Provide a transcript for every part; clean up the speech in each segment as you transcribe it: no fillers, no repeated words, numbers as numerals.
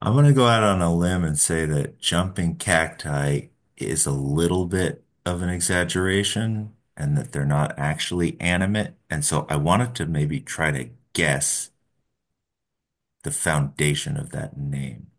I'm gonna go out on a limb and say that jumping cacti is a little bit of an exaggeration and that they're not actually animate. And so I wanted to maybe try to guess the foundation of that name.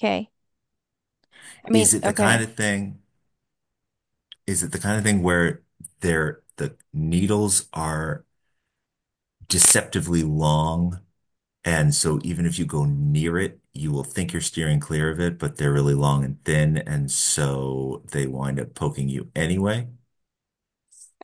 Okay. I mean, Is it the kind okay. of thing, is it the kind of thing where the needles are deceptively long. And so even if you go near it, you will think you're steering clear of it, but they're really long and thin, and so they wind up poking you anyway.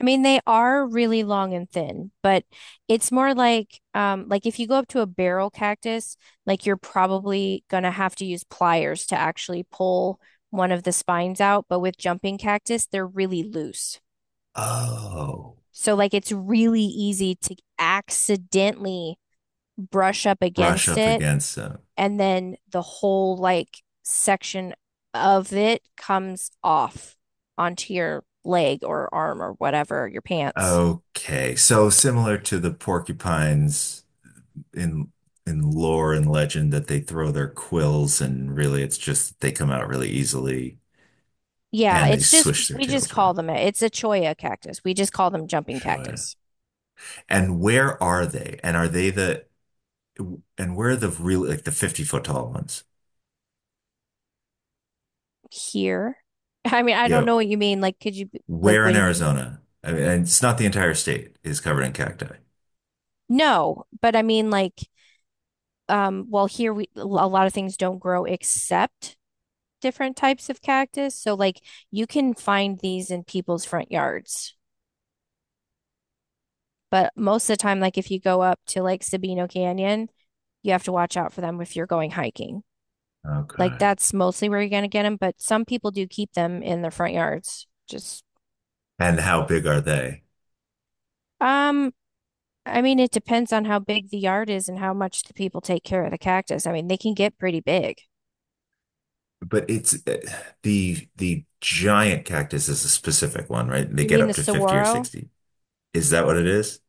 I mean, they are really long and thin, but it's more like if you go up to a barrel cactus, like you're probably gonna have to use pliers to actually pull one of the spines out, but with jumping cactus, they're really loose. Oh, So like it's really easy to accidentally brush up brush against up it, against them. and then the whole like section of it comes off onto your leg or arm or whatever, your pants. Okay, so similar to the porcupines in in lore and legend that they throw their quills and really it's just they come out really easily Yeah, and they it's just swish their we just tails around. call them, it's a cholla cactus. We just call them jumping Sure. cactus. And where are they? And are they the and where are the really like the 50-foot tall ones? Here. I mean, I don't Yeah. know what you mean. Like, could you like Where what in do you mean? Arizona? I mean, and it's not the entire state is covered in cacti. No, but I mean like well here we a lot of things don't grow except different types of cactus. So like you can find these in people's front yards. But most of the time, like if you go up to like Sabino Canyon, you have to watch out for them if you're going hiking. Like Okay. that's mostly where you're going to get them, but some people do keep them in their front yards. Just, And how big are they? um, I mean, it depends on how big the yard is and how much the people take care of the cactus. I mean, they can get pretty big. But it's the giant cactus is a specific one, right? They You get mean the up to 50 or saguaro, 60. Is that what it is?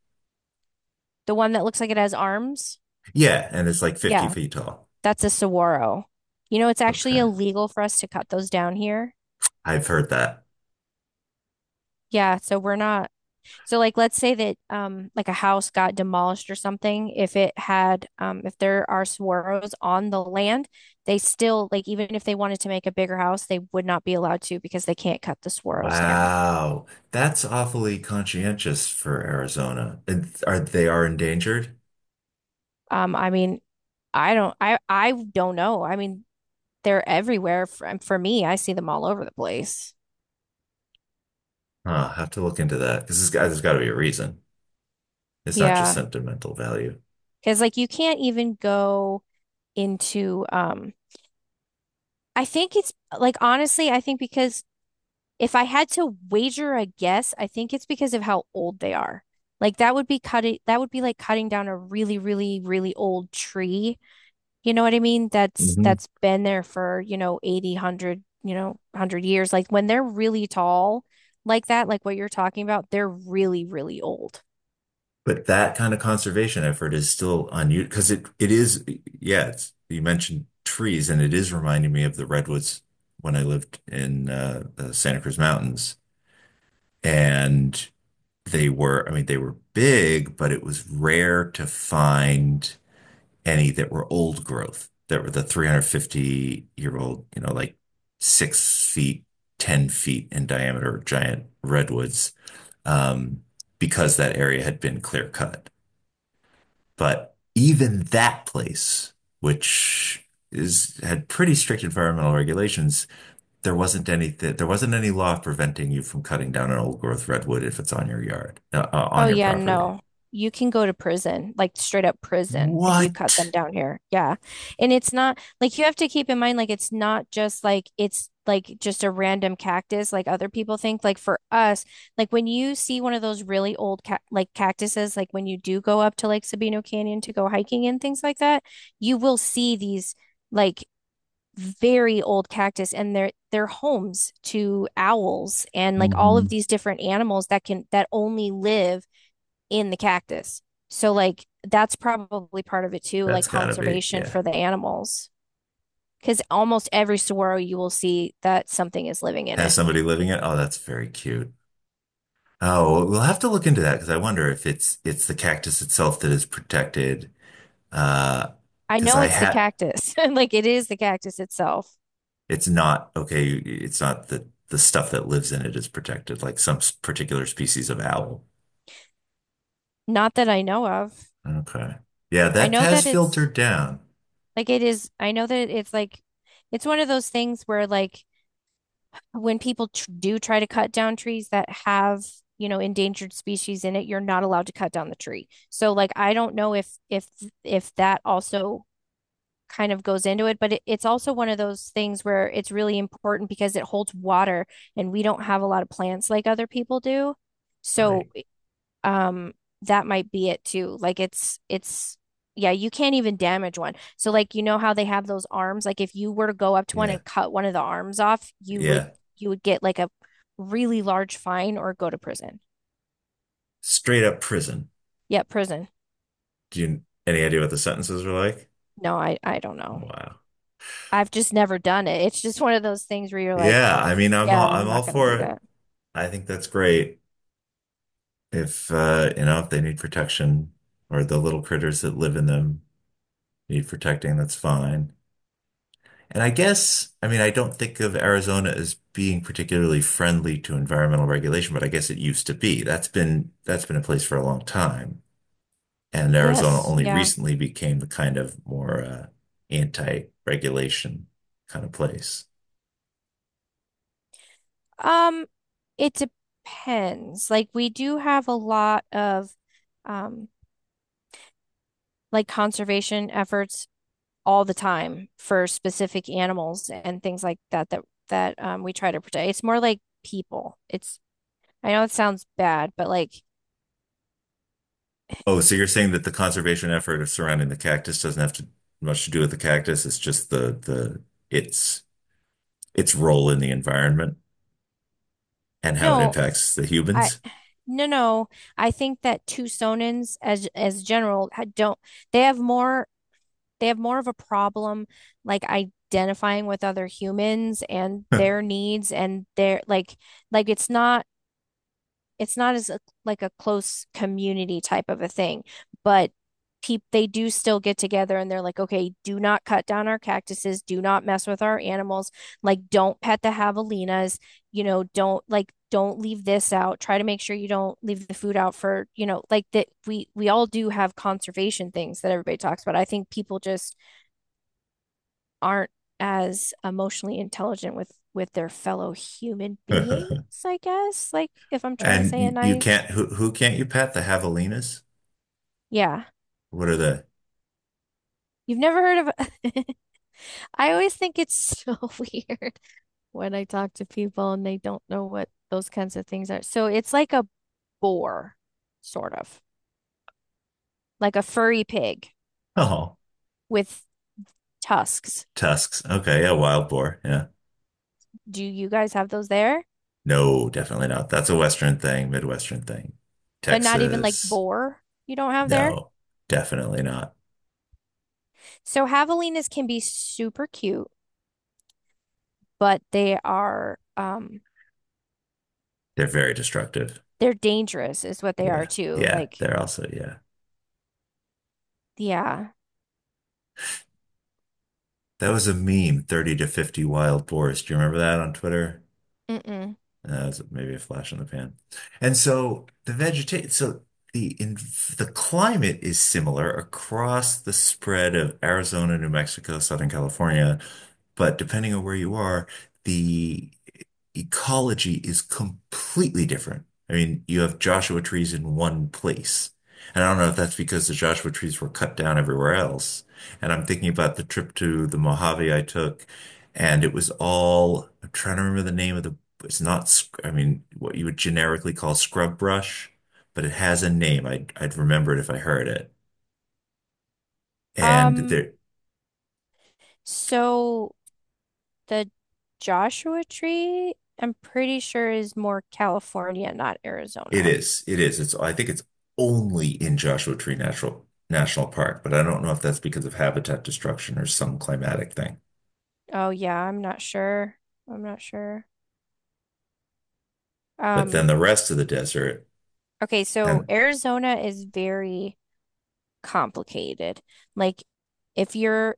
the one that looks like it has arms? Yeah, and it's like 50 Yeah, feet tall. that's a saguaro. You know, it's actually Okay. illegal for us to cut those down here. I've heard that. Yeah, so we're not So like let's say that like a house got demolished or something, if it had if there are saguaros on the land, they still like even if they wanted to make a bigger house, they would not be allowed to because they can't cut the saguaros down. Wow. That's awfully conscientious for Arizona. And are they are endangered? I mean, I don't know. I mean, they're everywhere for me. I see them all over the place. Huh, I'll have to look into that because there's got to be a reason. It's not just Yeah. sentimental value. Because like you can't even go into I think it's like honestly, I think because if I had to wager a guess, I think it's because of how old they are. Like that would be like cutting down a really, really, really old tree. You know what I mean? Mhm. That's been there for, you know, 80, 100, you know, 100 years. Like when they're really tall like that, like what you're talking about, they're really, really old. But that kind of conservation effort is still unused because it is, yeah, you mentioned trees and it is reminding me of the redwoods when I lived in the Santa Cruz Mountains, and they were, I mean they were big, but it was rare to find any that were old growth, that were the 350-year old, you know, like 6 feet, 10 feet in diameter giant redwoods, um, because that area had been clear cut. But even that place, which is had pretty strict environmental regulations, there wasn't any law preventing you from cutting down an old growth redwood if it's on your yard, on Oh your yeah, property. no. You can go to prison, like straight up prison, if you cut them What? down here. Yeah. And it's not like you have to keep in mind like it's not just like it's like just a random cactus like other people think. Like for us, like when you see one of those really old ca like cactuses, like when you do go up to Lake Sabino Canyon to go hiking and things like that, you will see these like very old cactus, and they're homes to owls and like all Hmm. of these different animals that only live in the cactus. So like that's probably part of it too, like That's gotta be, conservation yeah. for the animals. Because almost every saguaro you will see that something is living in Has it. somebody living it? Oh, that's very cute. Oh, we'll have to look into that because I wonder if it's the cactus itself that is protected. Uh, I because know I it's the had, cactus. Like it is the cactus itself. it's not okay. It's not the the stuff that lives in it is protected, like some particular species of owl. Not that I know of. Okay. Yeah, I that know that has it's filtered down. like it is. I know that it's like it's one of those things where like when people tr do try to cut down trees that have, you know, endangered species in it, you're not allowed to cut down the tree. So like I don't know if if that also kind of goes into it, but it's also one of those things where it's really important because it holds water, and we don't have a lot of plants like other people do. So Right. um that might be it too. Like it's yeah, you can't even damage one. So like you know how they have those arms? Like if you were to go up to one Yeah. and cut one of the arms off, Yeah. you would get like a really large fine or go to prison. Straight up prison. Yeah, prison. Do you any idea what the sentences are like? No, I don't know. Wow. I've just never done it. It's just one of those things where you're like, Yeah, I mean, yeah, I'm I'm all not going to for do it. that. I think that's great. If you know, if they need protection or the little critters that live in them need protecting, that's fine. And I guess, I mean, I don't think of Arizona as being particularly friendly to environmental regulation, but I guess it used to be. That's been in place for a long time. And Arizona Yes, only yeah. recently became the kind of more anti-regulation kind of place. Um, it depends. Like we do have a lot of um like conservation efforts all the time for specific animals and things like that that we try to protect. It's more like people. It's I know it sounds bad, but like Oh, so you're saying that the conservation effort of surrounding the cactus doesn't have to much to do with the cactus. It's just the its its role in the environment and how it no, impacts the I humans. no no. I think that Tucsonans as general don't they have more they have more of a problem like identifying with other humans and their needs and their like like it's not it's not as a, like a close community type of a thing, but people, they do still get together and they're like okay, do not cut down our cactuses, do not mess with our animals, like don't pet the javelinas, you know, don't like don't leave this out, try to make sure you don't leave the food out for you know, like that we all do have conservation things that everybody talks about. I think people just aren't as emotionally intelligent with their fellow human beings, I guess. Like if I'm trying to And say it you nice. can't who can't you pet? The javelinas? Yeah. What are they? You've never heard of I always think it's so weird when I talk to people and they don't know what those kinds of things are. So it's like a boar, sort of. Like a furry pig Oh, with tusks. tusks. Okay, yeah, wild boar. Yeah. Do you guys have those there? No, definitely not. That's a Western thing, Midwestern thing. But not even like Texas, boar you don't have there. no, definitely not. So javelinas can be super cute, but they are They're very destructive. they're dangerous is what they are Yeah. too. Yeah, Like, they're also, yeah. yeah. That was a meme, 30 to 50 wild boars. Do you remember that on Twitter? Mm-mm. That's maybe a flash in the pan. And so the vegetation, so the in the climate is similar across the spread of Arizona, New Mexico, Southern California, but depending on where you are, the ecology is completely different. I mean, you have Joshua trees in one place. And I don't know if that's because the Joshua trees were cut down everywhere else. And I'm thinking about the trip to the Mojave I took, and it was all, I'm trying to remember the name of the, it's not, I mean, what you would generically call scrub brush, but it has a name. I'd remember it if I heard it. And Um, there, so the Joshua tree, I'm pretty sure is more California, not it Arizona. is, it is. It's, I think it's only in Joshua Tree Natural National Park, but I don't know if that's because of habitat destruction or some climatic thing. Oh yeah, I'm not sure. I'm not sure. But then Um, the rest of the desert okay, so and Arizona is very complicated. Like if you're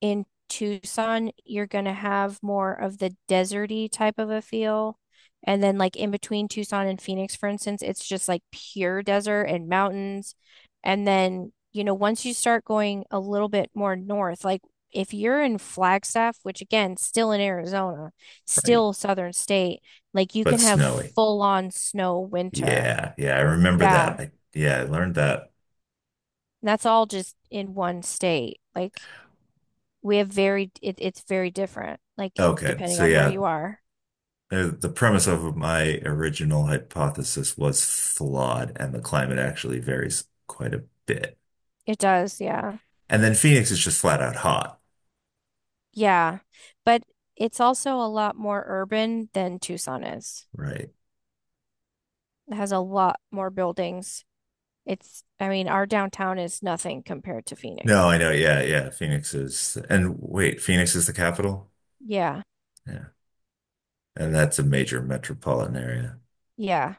in Tucson, you're gonna have more of the deserty type of a feel. And then like in between Tucson and Phoenix, for instance, it's just like pure desert and mountains. And then, you know, once you start going a little bit more north, like if you're in Flagstaff, which again, still in Arizona, right, still southern state, like you but can have snowy. full on snow winter. Yeah, yeah, I remember Yeah. that. Yeah, I learned that. That's all just in one state. Like we have very it, it's very different like Okay, depending so on where yeah, you are. The premise of my original hypothesis was flawed, and the climate actually varies quite a bit. It does, yeah. And then Phoenix is just flat out hot, Yeah, but it's also a lot more urban than Tucson is. right? It has a lot more buildings. It's, I mean, our downtown is nothing compared to No, Phoenix. I know. Yeah, yeah. Phoenix is, and wait, Phoenix is the capital? Yeah. Yeah. And that's a major metropolitan area. Yeah,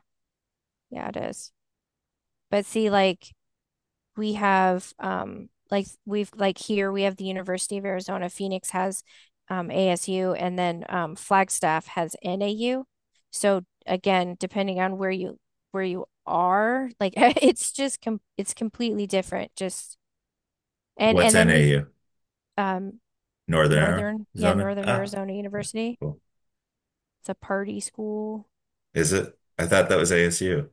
yeah, it is. But see like we have like we've like here we have the University of Arizona. Phoenix has ASU, and then Flagstaff has NAU. So again, depending on where you are, like it's just com it's completely different. Just What's and then we've NAU? um, Northern Northern yeah Arizona? Northern Ah, Arizona University. cool. It's a party school. Is it? I thought that was ASU.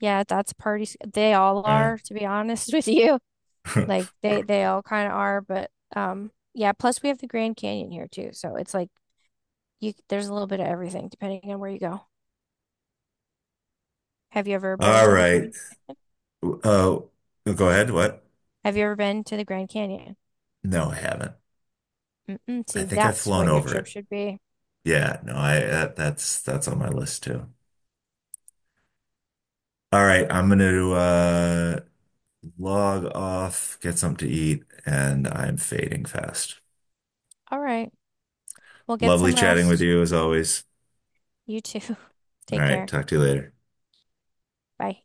Yeah, that's party. They all Yeah. are, to be honest with you. Like they all kind of are, but yeah, plus we have the Grand Canyon here too. So it's like you there's a little bit of everything depending on where you go. Have you ever been All to the right. Grand? Uh, go ahead. What? Have you ever been to the Grand Canyon? No, I haven't. Mm-mm, I see, think I've that's flown what your over trip it. should be. Yeah, no, I that, that's on my list too. All right, I'm gonna log off, get something to eat, and I'm fading fast. All right. Well, get Lovely some chatting with rest. you as always. You too. All Take right, care. talk to you later. Bye.